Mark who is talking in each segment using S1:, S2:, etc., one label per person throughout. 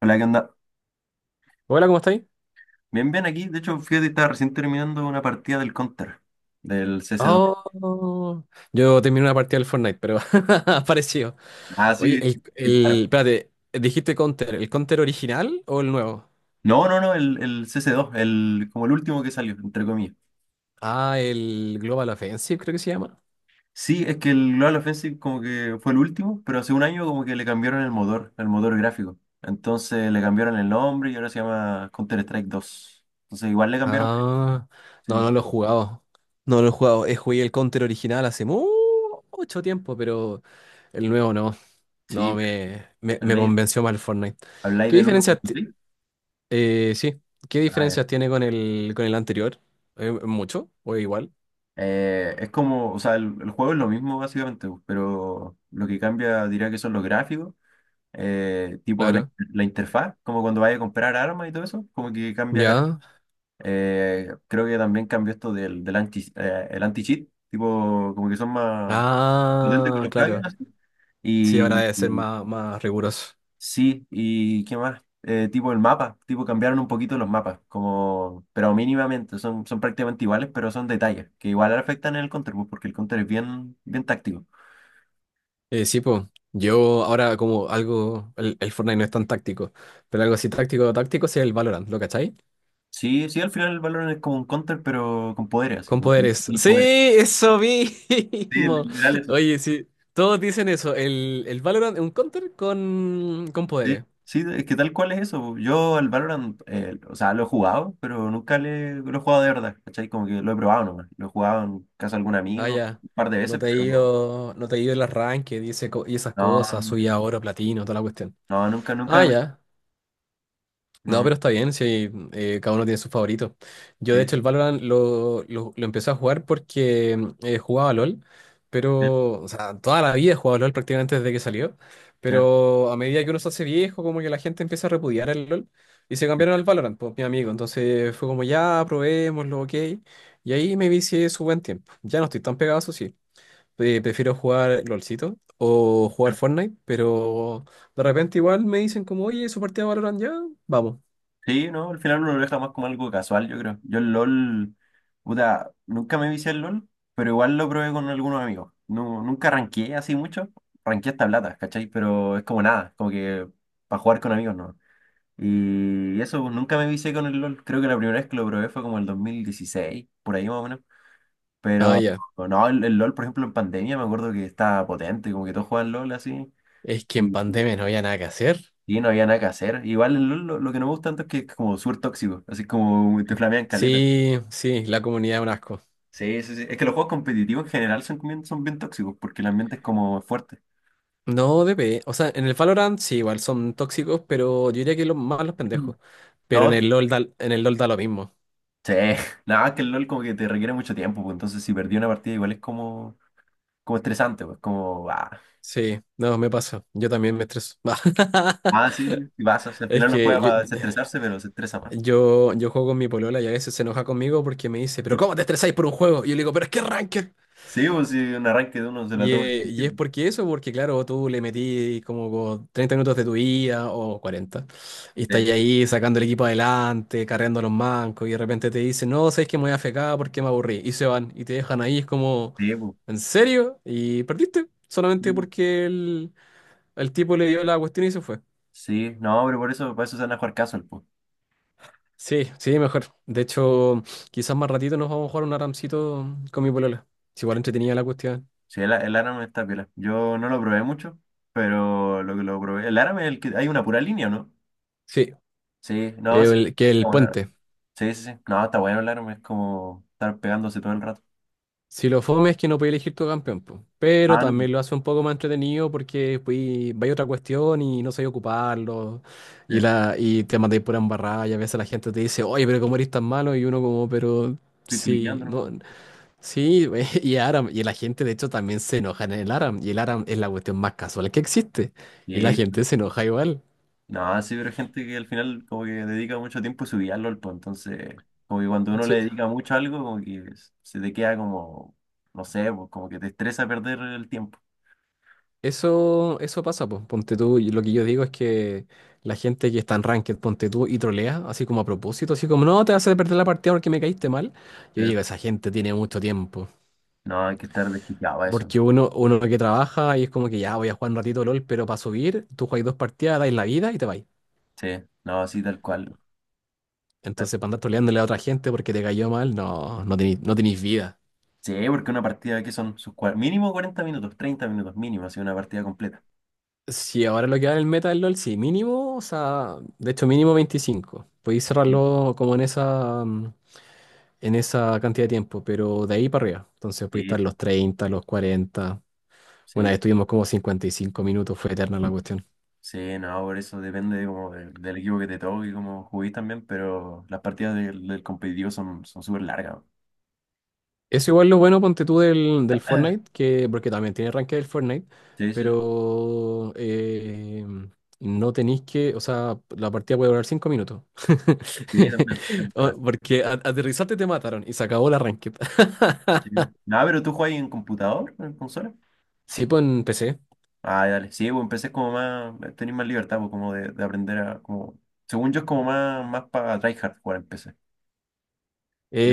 S1: Hola, ¿qué onda?
S2: Hola, ¿cómo estáis?
S1: Bien, bien aquí. De hecho, fíjate, estaba recién terminando una partida del Counter, del CC2.
S2: Oh, yo terminé una partida del Fortnite, pero apareció.
S1: Ah,
S2: Oye,
S1: sí, dispara.
S2: espérate, dijiste Counter, ¿el Counter original o el nuevo?
S1: No, no, no, el CC2, el, como el último que salió, entre comillas.
S2: Ah, el Global Offensive creo que se llama.
S1: Sí, es que el Global Offensive como que fue el último, pero hace un año como que le cambiaron el motor gráfico. Entonces le cambiaron el nombre y ahora se llama Counter-Strike dos. Entonces igual le cambiaron.
S2: Ah, no,
S1: Sí,
S2: no lo he jugado. No lo he jugado. He jugué el Counter original hace mucho tiempo, pero el nuevo no. No
S1: sí.
S2: me
S1: ¿Habláis,
S2: convenció más el Fortnite.
S1: habláis
S2: ¿Qué
S1: del
S2: diferencias,
S1: 1.6?
S2: sí, qué diferencias tiene con el anterior? ¿Mucho o igual?
S1: Es como, o sea, el juego es lo mismo básicamente, pues, pero lo que cambia diría que son los gráficos, tipo la,
S2: Claro.
S1: la interfaz, como cuando vaya a comprar armas y todo eso, como que cambia.
S2: ¿Ya?
S1: Creo que también cambió esto del, del anti, el anti-cheat, tipo, como que son más potentes con
S2: Ah,
S1: los plugins,
S2: claro.
S1: así.
S2: Sí, ahora
S1: Y,
S2: debe ser más riguroso.
S1: sí, ¿y qué más? Tipo el mapa, tipo cambiaron un poquito los mapas, como, pero mínimamente, son, son prácticamente iguales, pero son detalles, que igual afectan en el counter, pues, porque el counter es bien, bien táctico.
S2: Sí, pues. Yo ahora como algo, el Fortnite no es tan táctico, pero algo así táctico, táctico sí es el Valorant, ¿lo cachai?
S1: Sí, sí, al final el Valorant es como un counter, pero con poderes, así
S2: Con
S1: como que
S2: poderes.
S1: y
S2: Sí,
S1: poder.
S2: eso
S1: Sí,
S2: mismo.
S1: literal eso.
S2: Oye, sí, todos dicen eso. El Valorant es un counter con
S1: Sí,
S2: poderes.
S1: sí, es que tal cual es eso. Yo el Valorant, o sea, lo he jugado, pero nunca lo he jugado de verdad, ¿cachai? Como que lo he probado nomás. Lo he jugado en casa de algún
S2: Ah,
S1: amigo
S2: ya.
S1: un par de
S2: No
S1: veces,
S2: te he
S1: pero no,
S2: ido, no te he ido el arranque, dice y esas cosas, soy ahora platino, toda la cuestión.
S1: no, nunca,
S2: Ah,
S1: nunca,
S2: ya. No,
S1: no,
S2: pero está bien, si cada uno tiene su favorito. Yo, de hecho, el
S1: sí.
S2: Valorant lo empecé a jugar porque jugaba LOL,
S1: Sí,
S2: pero, o sea, toda la vida he jugado LOL prácticamente desde que salió,
S1: sí,
S2: pero a medida que uno se hace viejo, como que la gente empieza a repudiar el LOL y se
S1: sí,
S2: cambiaron al Valorant, pues mi amigo. Entonces fue como, ya, probémoslo, ok. Y ahí me vicié su buen tiempo. Ya no estoy tan pegado, eso sí. Prefiero jugar LOLcito o jugar
S1: creo.
S2: Fortnite, pero de repente igual me dicen como, oye, su partida de Valorant ya, vamos.
S1: Sí, no, al final uno lo deja más como algo casual, yo creo. Yo el LOL, puta, nunca me vicié el LOL, pero igual lo probé con algunos amigos. No, nunca ranqueé así mucho, ranqueé hasta plata, ¿cachai? Pero es como nada, como que para jugar con amigos, ¿no? Y eso, pues, nunca me vicié con el LOL. Creo que la primera vez que lo probé fue como el 2016 por ahí más o menos.
S2: Ah,
S1: Pero
S2: ya.
S1: no, el LOL, por ejemplo, en pandemia me acuerdo que estaba potente, como que todos jugaban LOL así.
S2: Es que en pandemia no había nada que hacer.
S1: Y no había nada que hacer. Igual el LoL lo que no me gusta tanto es que es como súper tóxico, así como te flamean caleta.
S2: Sí, sí, la comunidad es un asco.
S1: Sí, sí, sí. Es que los juegos competitivos en general son bien tóxicos porque el ambiente es como fuerte.
S2: No, DP. O sea, en el Valorant sí, igual son tóxicos, pero yo diría que los más los
S1: Mm.
S2: pendejos. Pero
S1: No,
S2: en el LOL da lo mismo.
S1: sí. Nada, es que el LoL como que te requiere mucho tiempo, pues entonces si perdí una partida igual es como, como estresante, pues como, ah,
S2: Sí, no, me pasa. Yo también me estreso.
S1: ah, sí, sí, sí, pasa. O sea, al
S2: Es
S1: final no
S2: que
S1: juega
S2: yo,
S1: para desestresarse, pero se estresa más.
S2: yo, yo juego con mi polola y a veces se enoja conmigo porque me dice, pero ¿cómo te estresáis por un juego? Y yo le digo, pero es que ranked.
S1: Sí, pues si un arranque de uno se la
S2: Y,
S1: toma
S2: eh,
S1: en
S2: y es
S1: serio,
S2: porque eso, porque claro, tú le metí como 30 minutos de tu vida o 40 y estás
S1: pues.
S2: ahí sacando el equipo adelante, carreando a los mancos, y de repente te dicen, no, sabes que me voy a fecar porque me aburrí, y se van, y te dejan ahí, es como,
S1: Sí, sí, pues,
S2: ¿en serio? Y perdiste,
S1: sí,
S2: solamente
S1: pues.
S2: porque el tipo le dio la cuestión y se fue.
S1: Sí, no, pero por eso se van a jugar casual, pues.
S2: Sí, sí, mejor. De hecho, quizás más ratito nos vamos a jugar un aramcito con mi polola. Es igual entretenida la cuestión.
S1: Sí, el Aram está piola. Yo no lo probé mucho, pero lo que lo probé. El Aram es el que. Hay una pura línea, ¿o no?
S2: Sí,
S1: Sí, no, sí.
S2: que
S1: Está
S2: el
S1: bueno.
S2: puente.
S1: Sí, sí, sí. No, está bueno el Aram, es como estar pegándose todo el rato.
S2: Si lo fome es que no podéis elegir tu campeón, po. Pero
S1: Ah, no.
S2: también lo hace un poco más entretenido porque pues, vais a otra cuestión y no sabéis ocuparlo
S1: Sí,
S2: y te mandáis por embarrada y a veces la gente te dice, oye, pero ¿cómo eres tan malo? Y uno como, pero
S1: estoy
S2: sí,
S1: cliqueando
S2: no,
S1: nomás.
S2: sí, y Aram. Y la gente de hecho también se enoja en el Aram y el Aram es la cuestión más casual que existe y la
S1: Sí.
S2: gente se enoja igual.
S1: No, sí, pero hay gente que al final como que dedica mucho tiempo a subir al LOL, pues, entonces, como que cuando uno le
S2: Sí,
S1: dedica mucho a algo, como que se te queda como, no sé, pues, como que te estresa perder el tiempo.
S2: eso pasa, pues. Ponte tú, y lo que yo digo es que la gente que está en ranked, ponte tú y trolea, así como a propósito, así como, no, te vas a perder la partida porque me caíste mal. Yo
S1: Sí.
S2: digo, esa gente tiene mucho tiempo.
S1: No, hay que estar desquiciado a eso.
S2: Porque uno que trabaja y es como que ya voy a jugar un ratito LOL, pero para subir, tú juegas dos partidas, dais la vida y te vais.
S1: Sí, no, sí, tal cual.
S2: Entonces, para andar troleándole a otra gente porque te cayó mal, no, no tenéis vida.
S1: Sí, porque una partida que son sus mínimo 40 minutos, 30 minutos mínimo, así una partida completa.
S2: Si ahora lo que va en el meta del LOL, sí, mínimo, o sea, de hecho mínimo 25. Podéis
S1: Sí,
S2: cerrarlo como en en esa cantidad de tiempo, pero de ahí para arriba. Entonces pudiste
S1: sí,
S2: estar
S1: sí.
S2: los 30, los 40. Una vez
S1: Sí,
S2: estuvimos como 55 minutos, fue eterna la cuestión.
S1: sí, no, por eso depende de como del equipo que te toque y cómo juguís también, pero las partidas del, del competitivo son son súper largas.
S2: Eso igual lo bueno, ponte tú del Fortnite, que, porque también tiene ranking del Fortnite,
S1: Sí, sí, sí,
S2: pero no tenéis que, o sea, la partida puede durar 5 minutos.
S1: sí, también es verdad.
S2: Porque aterrizarte te mataron y se acabó la ranked.
S1: Sí. Ah, pero tú juegas en computador, en consola.
S2: Sí, pues en PC.
S1: Ah, dale. Sí, pues empecé como más, tenés más libertad, pues como de aprender a, como, según yo es como más, más para tryhard jugar en PC. Y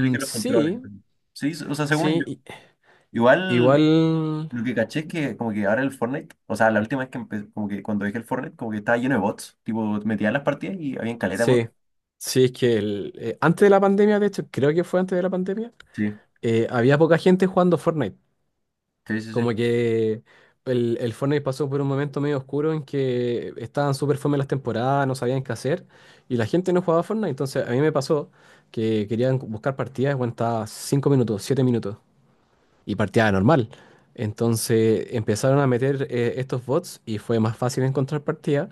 S1: elige los controles.
S2: Sí,
S1: Sí, o sea,
S2: sí.
S1: según. Igual
S2: Igual.
S1: lo que caché es que como que ahora el Fortnite, o sea, la última vez que empecé, como que cuando dije el Fortnite, como que estaba lleno de bots. Tipo, metía las partidas y había caleta de bots.
S2: Sí, sí, es que antes de la pandemia, de hecho, creo que fue antes de la pandemia,
S1: Sí,
S2: había poca gente jugando Fortnite.
S1: sí, sí, sí.
S2: Como que el Fortnite pasó por un momento medio oscuro en que estaban súper fome las temporadas, no sabían qué hacer y la gente no jugaba Fortnite. Entonces a mí me pasó que querían buscar partidas, bueno, estaba 5 minutos, 7 minutos y partida normal. Entonces empezaron a meter estos bots y fue más fácil encontrar partidas.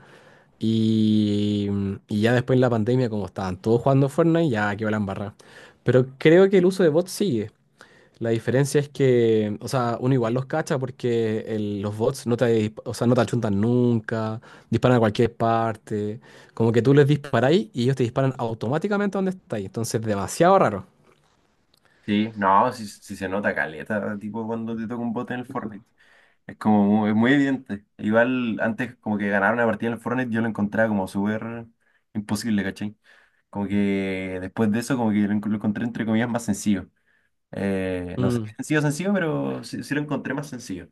S2: Y, y ya después en la pandemia, como estaban todos jugando Fortnite, ya quedó la embarrada. Pero creo que el uso de bots sigue. La diferencia es que, o sea, uno igual los cacha porque los bots no te, dis- o sea, no te achuntan nunca, disparan a cualquier parte. Como que tú les disparáis y ellos te disparan automáticamente donde estáis. Entonces, demasiado raro.
S1: Sí, no, sí, sí se nota caleta, tipo cuando te toca un bot en el Fortnite. Es como muy, es muy evidente. Igual antes como que ganar una partida en el Fortnite yo lo encontraba como súper imposible, ¿cachai? Como que después de eso como que lo, lo encontré entre comillas más sencillo. No sé,
S2: Mm.
S1: sencillo, sencillo, pero sí, sí lo encontré más sencillo.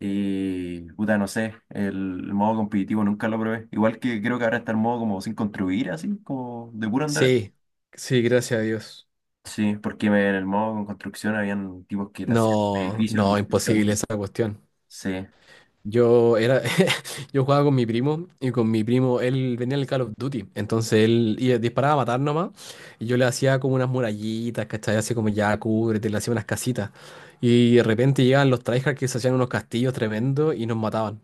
S1: Y, puta, no sé, el, modo competitivo nunca lo probé. Igual que creo que ahora está el modo como sin construir, así, como de puro andar.
S2: Sí, sí, gracias a Dios.
S1: Sí, porque en el modo con construcción habían tipos que te hacían
S2: No,
S1: edificios
S2: no,
S1: en
S2: imposible
S1: segundo.
S2: esa cuestión.
S1: Sí,
S2: Yo era, yo jugaba con mi primo y con mi primo él venía el Call of Duty, entonces él disparaba a matar nomás y yo le hacía como unas murallitas, ¿cachai? Así como ya cúbrete, le hacía unas casitas y de repente llegaban los tryhards que se hacían unos castillos tremendos y nos mataban.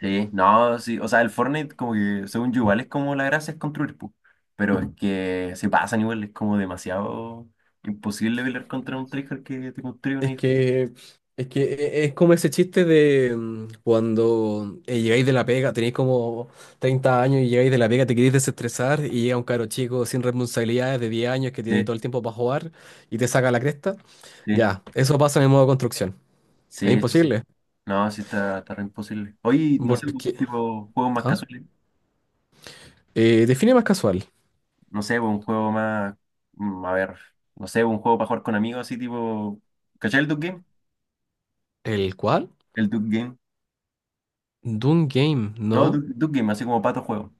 S1: sí, no, sí. O sea, el Fortnite, como que, según yo, igual es como la gracia es construir, pu. Pero es que se pasan igual, es como demasiado imposible pelear contra un tryhard que te construye un
S2: Es
S1: edificio.
S2: que, es que es como ese chiste de cuando llegáis de la pega, tenéis como 30 años y llegáis de la pega, te queréis desestresar y llega un caro chico sin responsabilidades de 10 años que tiene
S1: Sí,
S2: todo el tiempo para jugar y te saca la cresta.
S1: sí,
S2: Ya, eso pasa en el modo construcción. Es
S1: sí, sí. Sí.
S2: imposible.
S1: No, sí está, está re imposible. Oye, no sé,
S2: Porque.
S1: tipo, juegos más
S2: ¿Ah?
S1: casuales.
S2: Define más casual.
S1: No sé, pues, un juego más, mm, a ver, no sé, pues, un juego para jugar con amigos así tipo, ¿cachai el duck Game?
S2: ¿El cual?
S1: El duck Game.
S2: Doom Game,
S1: No,
S2: no.
S1: duck Duke Game, así como Pato Juego.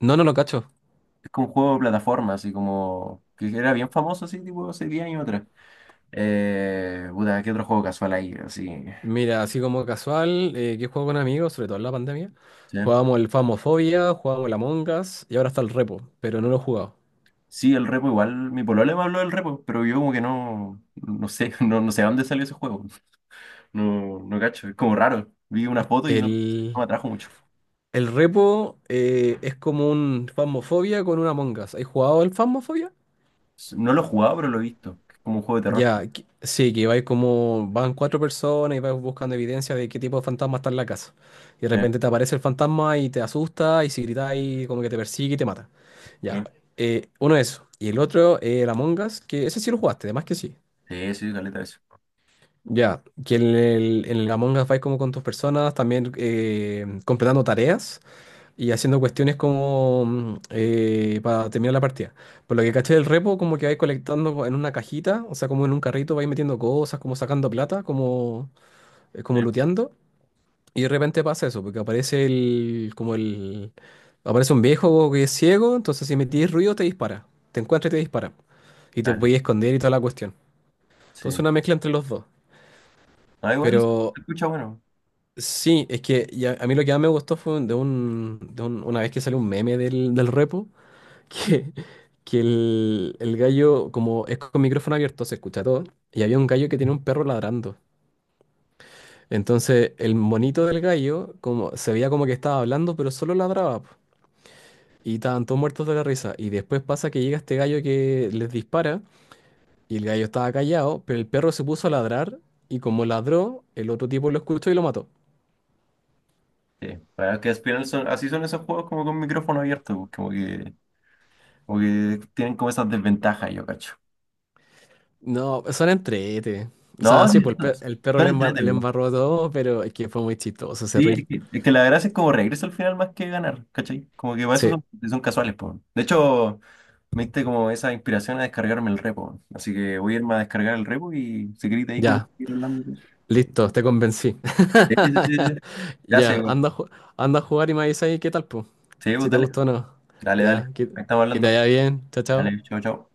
S2: No, no lo cacho.
S1: Es como un juego de plataforma, así como, que era bien famoso así tipo hace 10 años atrás. Puta, ¿qué otro juego casual hay? Así,
S2: Mira, así como casual, que juego con amigos, sobre todo en la pandemia.
S1: ¿sí?
S2: Jugábamos el Phasmophobia, jugábamos el Among Us y ahora está el Repo, pero no lo he jugado.
S1: Sí, el repo igual, mi polola me habló del repo, pero yo como que no, no sé, no, no sé dónde salió ese juego. No, no cacho, es como raro. Vi una foto y no, no me
S2: El,
S1: atrajo mucho.
S2: el Repo es como un Phasmophobia con un Among Us. ¿Has jugado el Phasmophobia?
S1: No lo he jugado, pero lo he visto. Es como un juego de terror.
S2: Ya, sí, que vais como, van cuatro personas y vais buscando evidencia de qué tipo de fantasma está en la casa. Y de
S1: Sí.
S2: repente te aparece el fantasma y te asusta y si gritáis como que te persigue y te mata. Ya,
S1: Sí.
S2: uno eso. Y el otro, el Among Us, que ese sí lo jugaste, además que sí.
S1: Sí, sí, caleta eso.
S2: Ya, que en el Among Us vais como con tus personas, también completando tareas y haciendo cuestiones como para terminar la partida. Por lo que caché del repo, como que vais colectando en una cajita, o sea, como en un carrito vais metiendo cosas, como sacando plata, como looteando. Y de repente pasa eso, porque aparece el, como el, aparece un viejo que es ciego, entonces si metís ruido te dispara, te encuentra y te dispara. Y te
S1: Dale,
S2: voy a esconder y toda la cuestión.
S1: sí.
S2: Entonces una mezcla entre los dos.
S1: Ah, igual se
S2: Pero
S1: escucha bueno.
S2: sí, es que a mí lo que más me gustó fue de una vez que salió un meme del repo, que, que el gallo, como es con micrófono abierto, se escucha todo, y había un gallo que tenía un perro ladrando. Entonces el monito del gallo como, se veía como que estaba hablando, pero solo ladraba, po. Y estaban todos muertos de la risa. Y después pasa que llega este gallo que les dispara, y el gallo estaba callado, pero el perro se puso a ladrar, y como ladró, el otro tipo lo escuchó y lo mató.
S1: Sí. Para que al final son, así son esos juegos como con micrófono abierto, pues, como que tienen como esas desventajas, yo cacho.
S2: No, son entrete. O sea,
S1: No,
S2: sí,
S1: sí,
S2: pues el,
S1: son
S2: per- el perro
S1: son
S2: le
S1: entretenidos.
S2: embarró todo, pero es que fue muy chistoso ese
S1: Sí,
S2: reel.
S1: es que la gracia es como regreso al final más que ganar, ¿cachai? Como que para eso
S2: Sí,
S1: son, son casuales, pues. De hecho, me diste como esa inspiración a descargarme el repo. Así que voy a irme a descargar el repo y si querés de ahí podemos
S2: ya.
S1: ir hablando.
S2: Listo, te convencí.
S1: Sí, sí, sí, sí. Gracias,
S2: Ya,
S1: güey.
S2: anda, anda a jugar y me avisas ahí qué tal, pues.
S1: Sí,
S2: Si
S1: pues,
S2: te
S1: dale,
S2: gustó o no.
S1: dale, dale.
S2: Ya, que,
S1: Ahí estamos
S2: que te
S1: hablando.
S2: vaya bien. Chao,
S1: Dale,
S2: chao.
S1: chau, chau.